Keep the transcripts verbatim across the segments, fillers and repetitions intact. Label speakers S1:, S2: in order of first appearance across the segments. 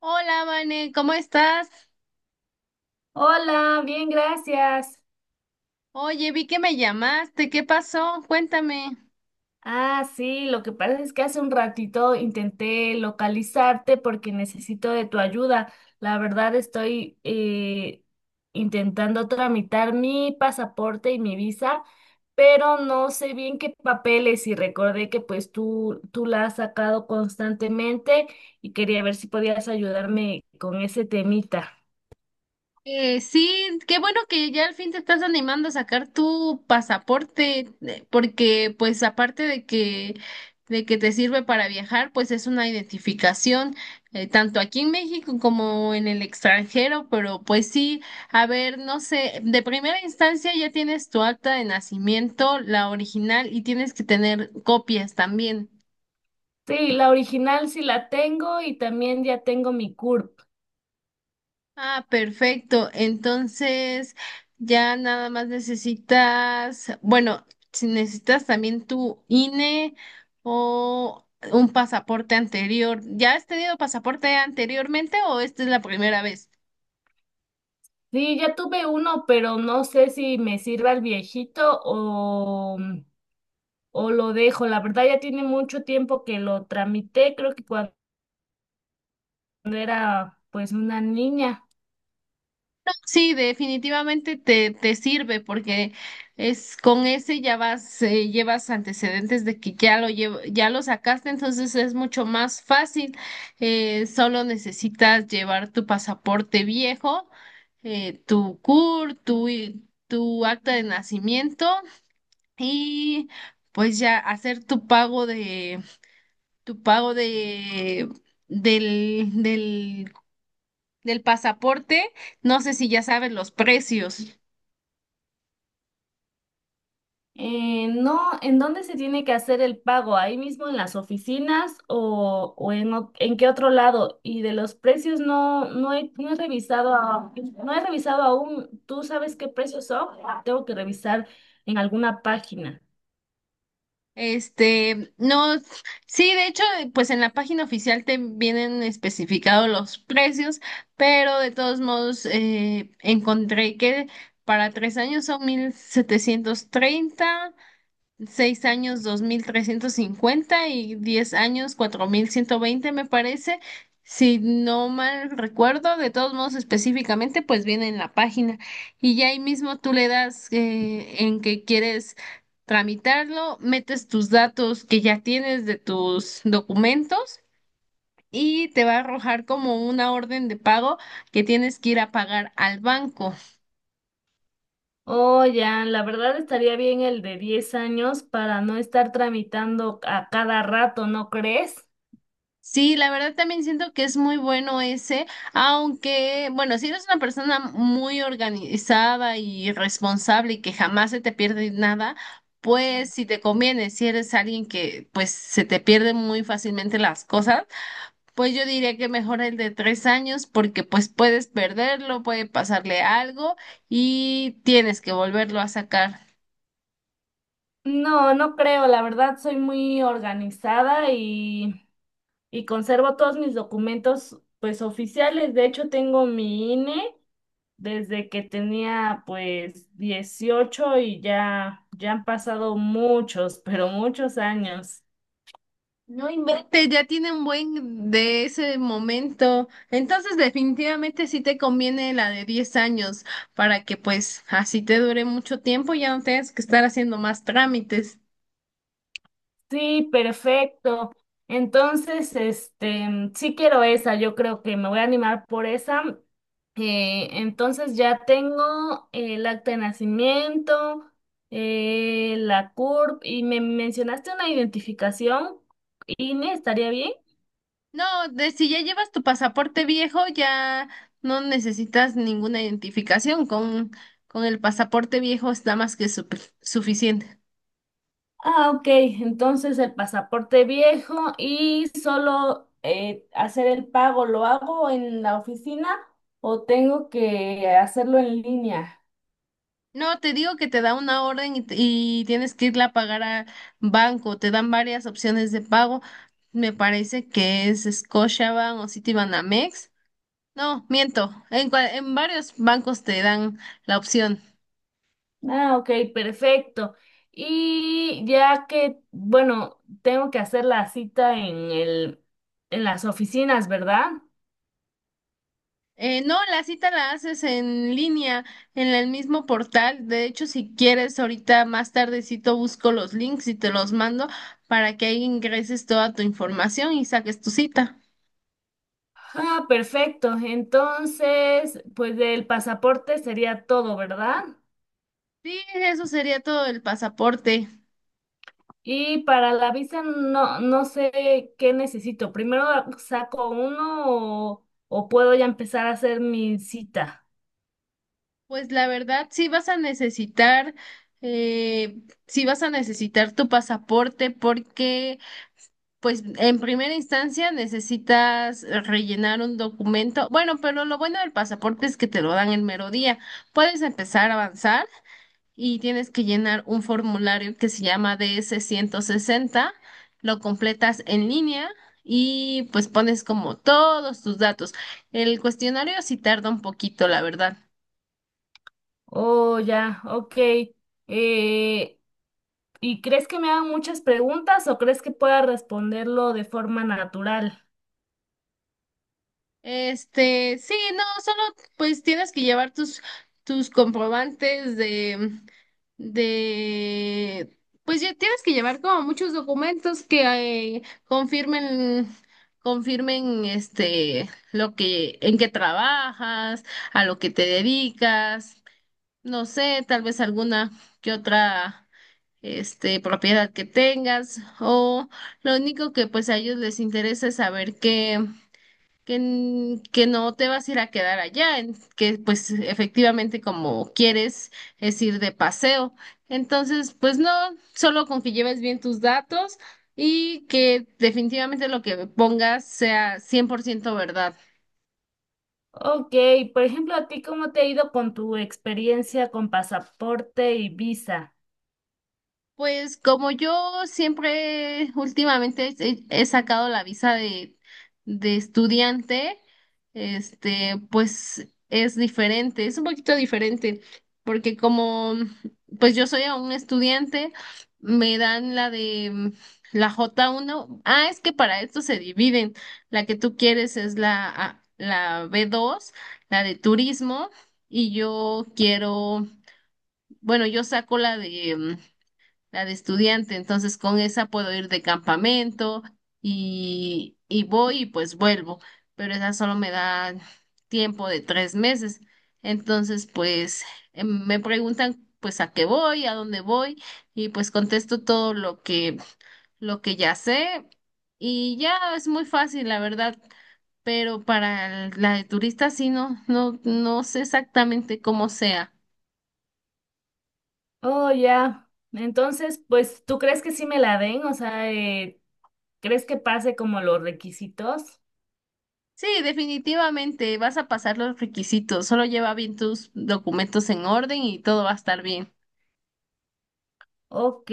S1: Hola, Vane, ¿cómo estás?
S2: Hola, bien, gracias.
S1: Oye, vi que me llamaste, ¿qué pasó? Cuéntame.
S2: Ah, sí, lo que pasa es que hace un ratito intenté localizarte porque necesito de tu ayuda. La verdad estoy eh, intentando tramitar mi pasaporte y mi visa, pero no sé bien qué papeles y recordé que pues tú, tú la has sacado constantemente y quería ver si podías ayudarme con ese temita.
S1: Eh, sí, qué bueno que ya al fin te estás animando a sacar tu pasaporte, eh, porque pues aparte de que de que te sirve para viajar, pues es una identificación eh, tanto aquí en México como en el extranjero, pero pues sí, a ver, no sé, de primera instancia ya tienes tu acta de nacimiento, la original, y tienes que tener copias también.
S2: Sí, la original sí la tengo y también ya tengo mi CURP.
S1: Ah, perfecto. Entonces, ya nada más necesitas, bueno, si necesitas también tu I N E o un pasaporte anterior. ¿Ya has tenido pasaporte anteriormente o esta es la primera vez?
S2: Sí, ya tuve uno, pero no sé si me sirva el viejito o, o lo dejo. La verdad ya tiene mucho tiempo que lo tramité, creo que cuando era pues una niña.
S1: Sí, definitivamente te, te sirve porque es con ese ya vas, eh, llevas antecedentes de que ya lo llevo- ya lo sacaste, entonces es mucho más fácil. Eh, solo necesitas llevar tu pasaporte viejo, eh, tu CUR, tu, i- tu acta de nacimiento y pues ya hacer tu pago de, tu pago de, del, del, del pasaporte. No sé si ya sabes los precios.
S2: Eh, no, ¿en dónde se tiene que hacer el pago? ¿Ahí mismo en las oficinas o, o en, o- en qué otro lado? Y de los precios no, no he, no he revisado, a- no he revisado aún. ¿Tú sabes qué precios son? Tengo que revisar en alguna página.
S1: Este, no, sí, de hecho, pues en la página oficial te vienen especificados los precios, pero de todos modos eh, encontré que para tres años son mil setecientos treinta. Seis años, dos mil trescientos cincuenta; y diez años, cuatro mil ciento veinte, me parece. Si no mal recuerdo, de todos modos específicamente, pues viene en la página. Y ya ahí mismo tú le das eh, en que quieres tramitarlo, metes tus datos que ya tienes de tus documentos y te va a arrojar como una orden de pago que tienes que ir a pagar al banco.
S2: Oh, ya, la verdad estaría bien el de diez años para no estar tramitando a cada rato, ¿no crees?
S1: Sí, la verdad también siento que es muy bueno ese, aunque, bueno, si eres una persona muy organizada y responsable y que jamás se te pierde nada, pues si te conviene, si eres alguien que pues se te pierden muy fácilmente las cosas, pues yo diría que mejor el de tres años porque pues puedes perderlo, puede pasarle algo y tienes que volverlo a sacar.
S2: No, no creo, la verdad soy muy organizada y, y conservo todos mis documentos pues oficiales. De hecho, tengo mi INE desde que tenía pues dieciocho y ya, ya han pasado muchos, pero muchos años.
S1: Vete, ya tiene un buen de ese momento. Entonces, definitivamente sí te conviene la de diez años para que pues así te dure mucho tiempo y ya no tengas que estar haciendo más trámites.
S2: Sí, perfecto. Entonces, este, mm, sí quiero esa, yo creo que me voy a animar por esa. Eh, entonces ya tengo el acta de nacimiento, eh, la CURP y me mencionaste una identificación, INE, ¿estaría bien?
S1: No, de si ya llevas tu pasaporte viejo, ya no necesitas ninguna identificación. Con, con el pasaporte viejo está más que supe- suficiente.
S2: Ah, ok, entonces el pasaporte viejo y solo eh, hacer el pago, ¿lo hago en la oficina o tengo que hacerlo en línea?
S1: No, te digo que te da una orden y, y tienes que irla a pagar a banco. Te dan varias opciones de pago. Me parece que es Scotiabank o Citibanamex. No, miento. En, cua- en varios bancos te dan la opción.
S2: Ah, ok, perfecto. Y ya que, bueno, tengo que hacer la cita en el, en las oficinas, ¿verdad?
S1: Eh, no, la cita la haces en línea, en el mismo portal. De hecho, si quieres, ahorita más tardecito busco los links y te los mando para que ahí ingreses toda tu información y saques tu cita.
S2: Ah, perfecto. Entonces, pues del pasaporte sería todo, ¿verdad?
S1: Sí, eso sería todo el pasaporte.
S2: Y para la visa no, no sé qué necesito. ¿Primero saco uno o, o puedo ya empezar a hacer mi cita?
S1: Pues la verdad, sí vas a necesitar, eh, sí vas a necesitar tu pasaporte porque, pues, en primera instancia necesitas rellenar un documento. Bueno, pero lo bueno del pasaporte es que te lo dan el mero día. Puedes empezar a avanzar y tienes que llenar un formulario que se llama d s ciento sesenta. Lo completas en línea y pues pones como todos tus datos. El cuestionario sí tarda un poquito, la verdad.
S2: Oh, ya, ok. Eh, ¿Y crees que me hagan muchas preguntas o crees que pueda responderlo de forma natural?
S1: Este, sí, no, solo pues tienes que llevar tus, tus comprobantes de, de, pues ya tienes que llevar como muchos documentos que eh, confirmen, confirmen este, lo que, en qué trabajas, a lo que te dedicas, no sé, tal vez alguna que otra, este, propiedad que tengas, o lo único que pues a ellos les interesa es saber qué que, n- que no te vas a ir a quedar allá, en- que pues efectivamente como quieres es ir de paseo. Entonces, pues no, solo con que lleves bien tus datos y que definitivamente lo que pongas sea cien por ciento verdad.
S2: Ok, por ejemplo, ¿a ti cómo te ha ido con tu experiencia con pasaporte y visa?
S1: Pues como yo siempre últimamente he, he sacado la visa de, de estudiante, este, pues es diferente, es un poquito diferente, porque como pues yo soy aún estudiante, me dan la de mm, la j uno. Ah, es que para esto se dividen. La que tú quieres es la, A- la b dos, la de turismo, y yo quiero, bueno, yo saco la de la de estudiante, entonces con esa puedo ir de campamento y, y voy y pues vuelvo, pero esa solo me da tiempo de tres meses. Entonces, pues eh, me preguntan pues a qué voy, a dónde voy y pues contesto todo lo que lo que ya sé y ya es muy fácil, la verdad. Pero para el- la de turista sí no, no, no sé exactamente cómo sea.
S2: Oh, ya. Entonces, pues, ¿tú crees que sí me la den? O sea, eh, ¿crees que pase como los requisitos?
S1: Sí, definitivamente vas a pasar los requisitos. Solo lleva bien tus documentos en orden y todo va a estar bien.
S2: Ok,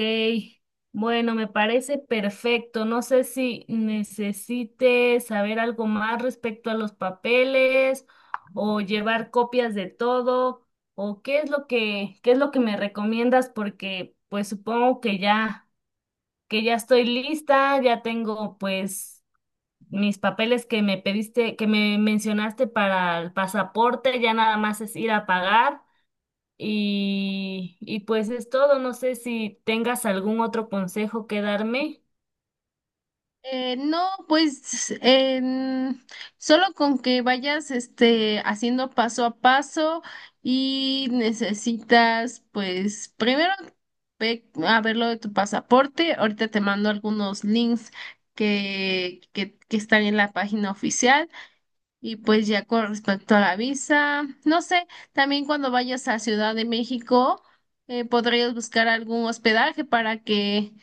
S2: bueno, me parece perfecto. No sé si necesite saber algo más respecto a los papeles o llevar copias de todo o qué es lo que, qué es lo que me recomiendas porque pues supongo que ya, que ya estoy lista, ya tengo pues mis papeles que me pediste, que me mencionaste para el pasaporte, ya nada más es ir a pagar. Y, y pues es todo. No sé si tengas algún otro consejo que darme.
S1: Eh, no, pues en- solo con que vayas este, haciendo paso a paso y necesitas, pues primero ve a ver lo de tu pasaporte. Ahorita te mando algunos links que, que, que están en la página oficial. Y pues ya con respecto a la visa, no sé, también cuando vayas a Ciudad de México, eh, podrías buscar algún hospedaje para que,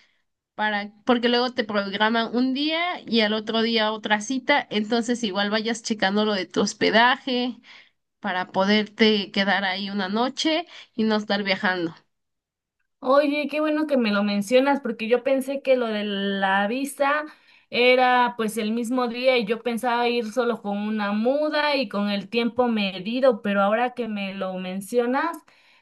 S1: para, porque luego te programan un día y al otro día otra cita, entonces igual vayas checando lo de tu hospedaje para poderte quedar ahí una noche y no estar viajando.
S2: Oye, qué bueno que me lo mencionas, porque yo pensé que lo de la visa era pues el mismo día y yo pensaba ir solo con una muda y con el tiempo medido, pero ahora que me lo mencionas,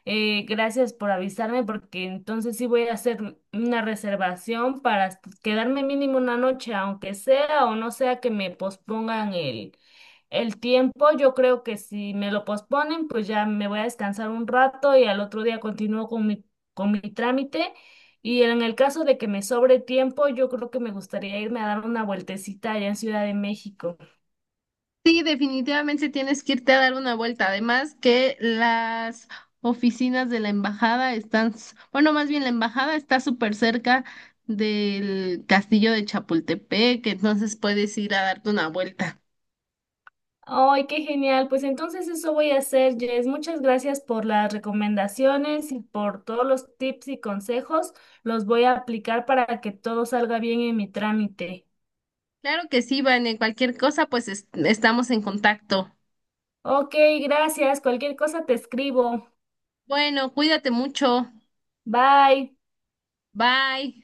S2: eh, gracias por avisarme, porque entonces sí voy a hacer una reservación para est- quedarme mínimo una noche, aunque sea o no sea que me pospongan el, el tiempo. Yo creo que si me lo posponen, pues ya me voy a descansar un rato y al otro día continúo con mi con mi trámite y en el caso de que me sobre tiempo, yo creo que me gustaría irme a dar una vueltecita allá en Ciudad de México.
S1: Sí, definitivamente tienes que irte a dar una vuelta. Además que las oficinas de la embajada están, s- bueno, más bien la embajada está súper cerca del castillo de Chapultepec, entonces puedes ir a darte una vuelta.
S2: ¡Ay, qué genial! Pues entonces eso voy a hacer, Jess. Muchas gracias por las recomendaciones y por todos los tips y consejos. Los voy a aplicar para que todo salga bien en mi trámite.
S1: Claro que sí, Van, en cualquier cosa, pues est- estamos en contacto.
S2: Ok, gracias. Cualquier cosa te escribo.
S1: Bueno, cuídate mucho.
S2: Bye.
S1: Bye.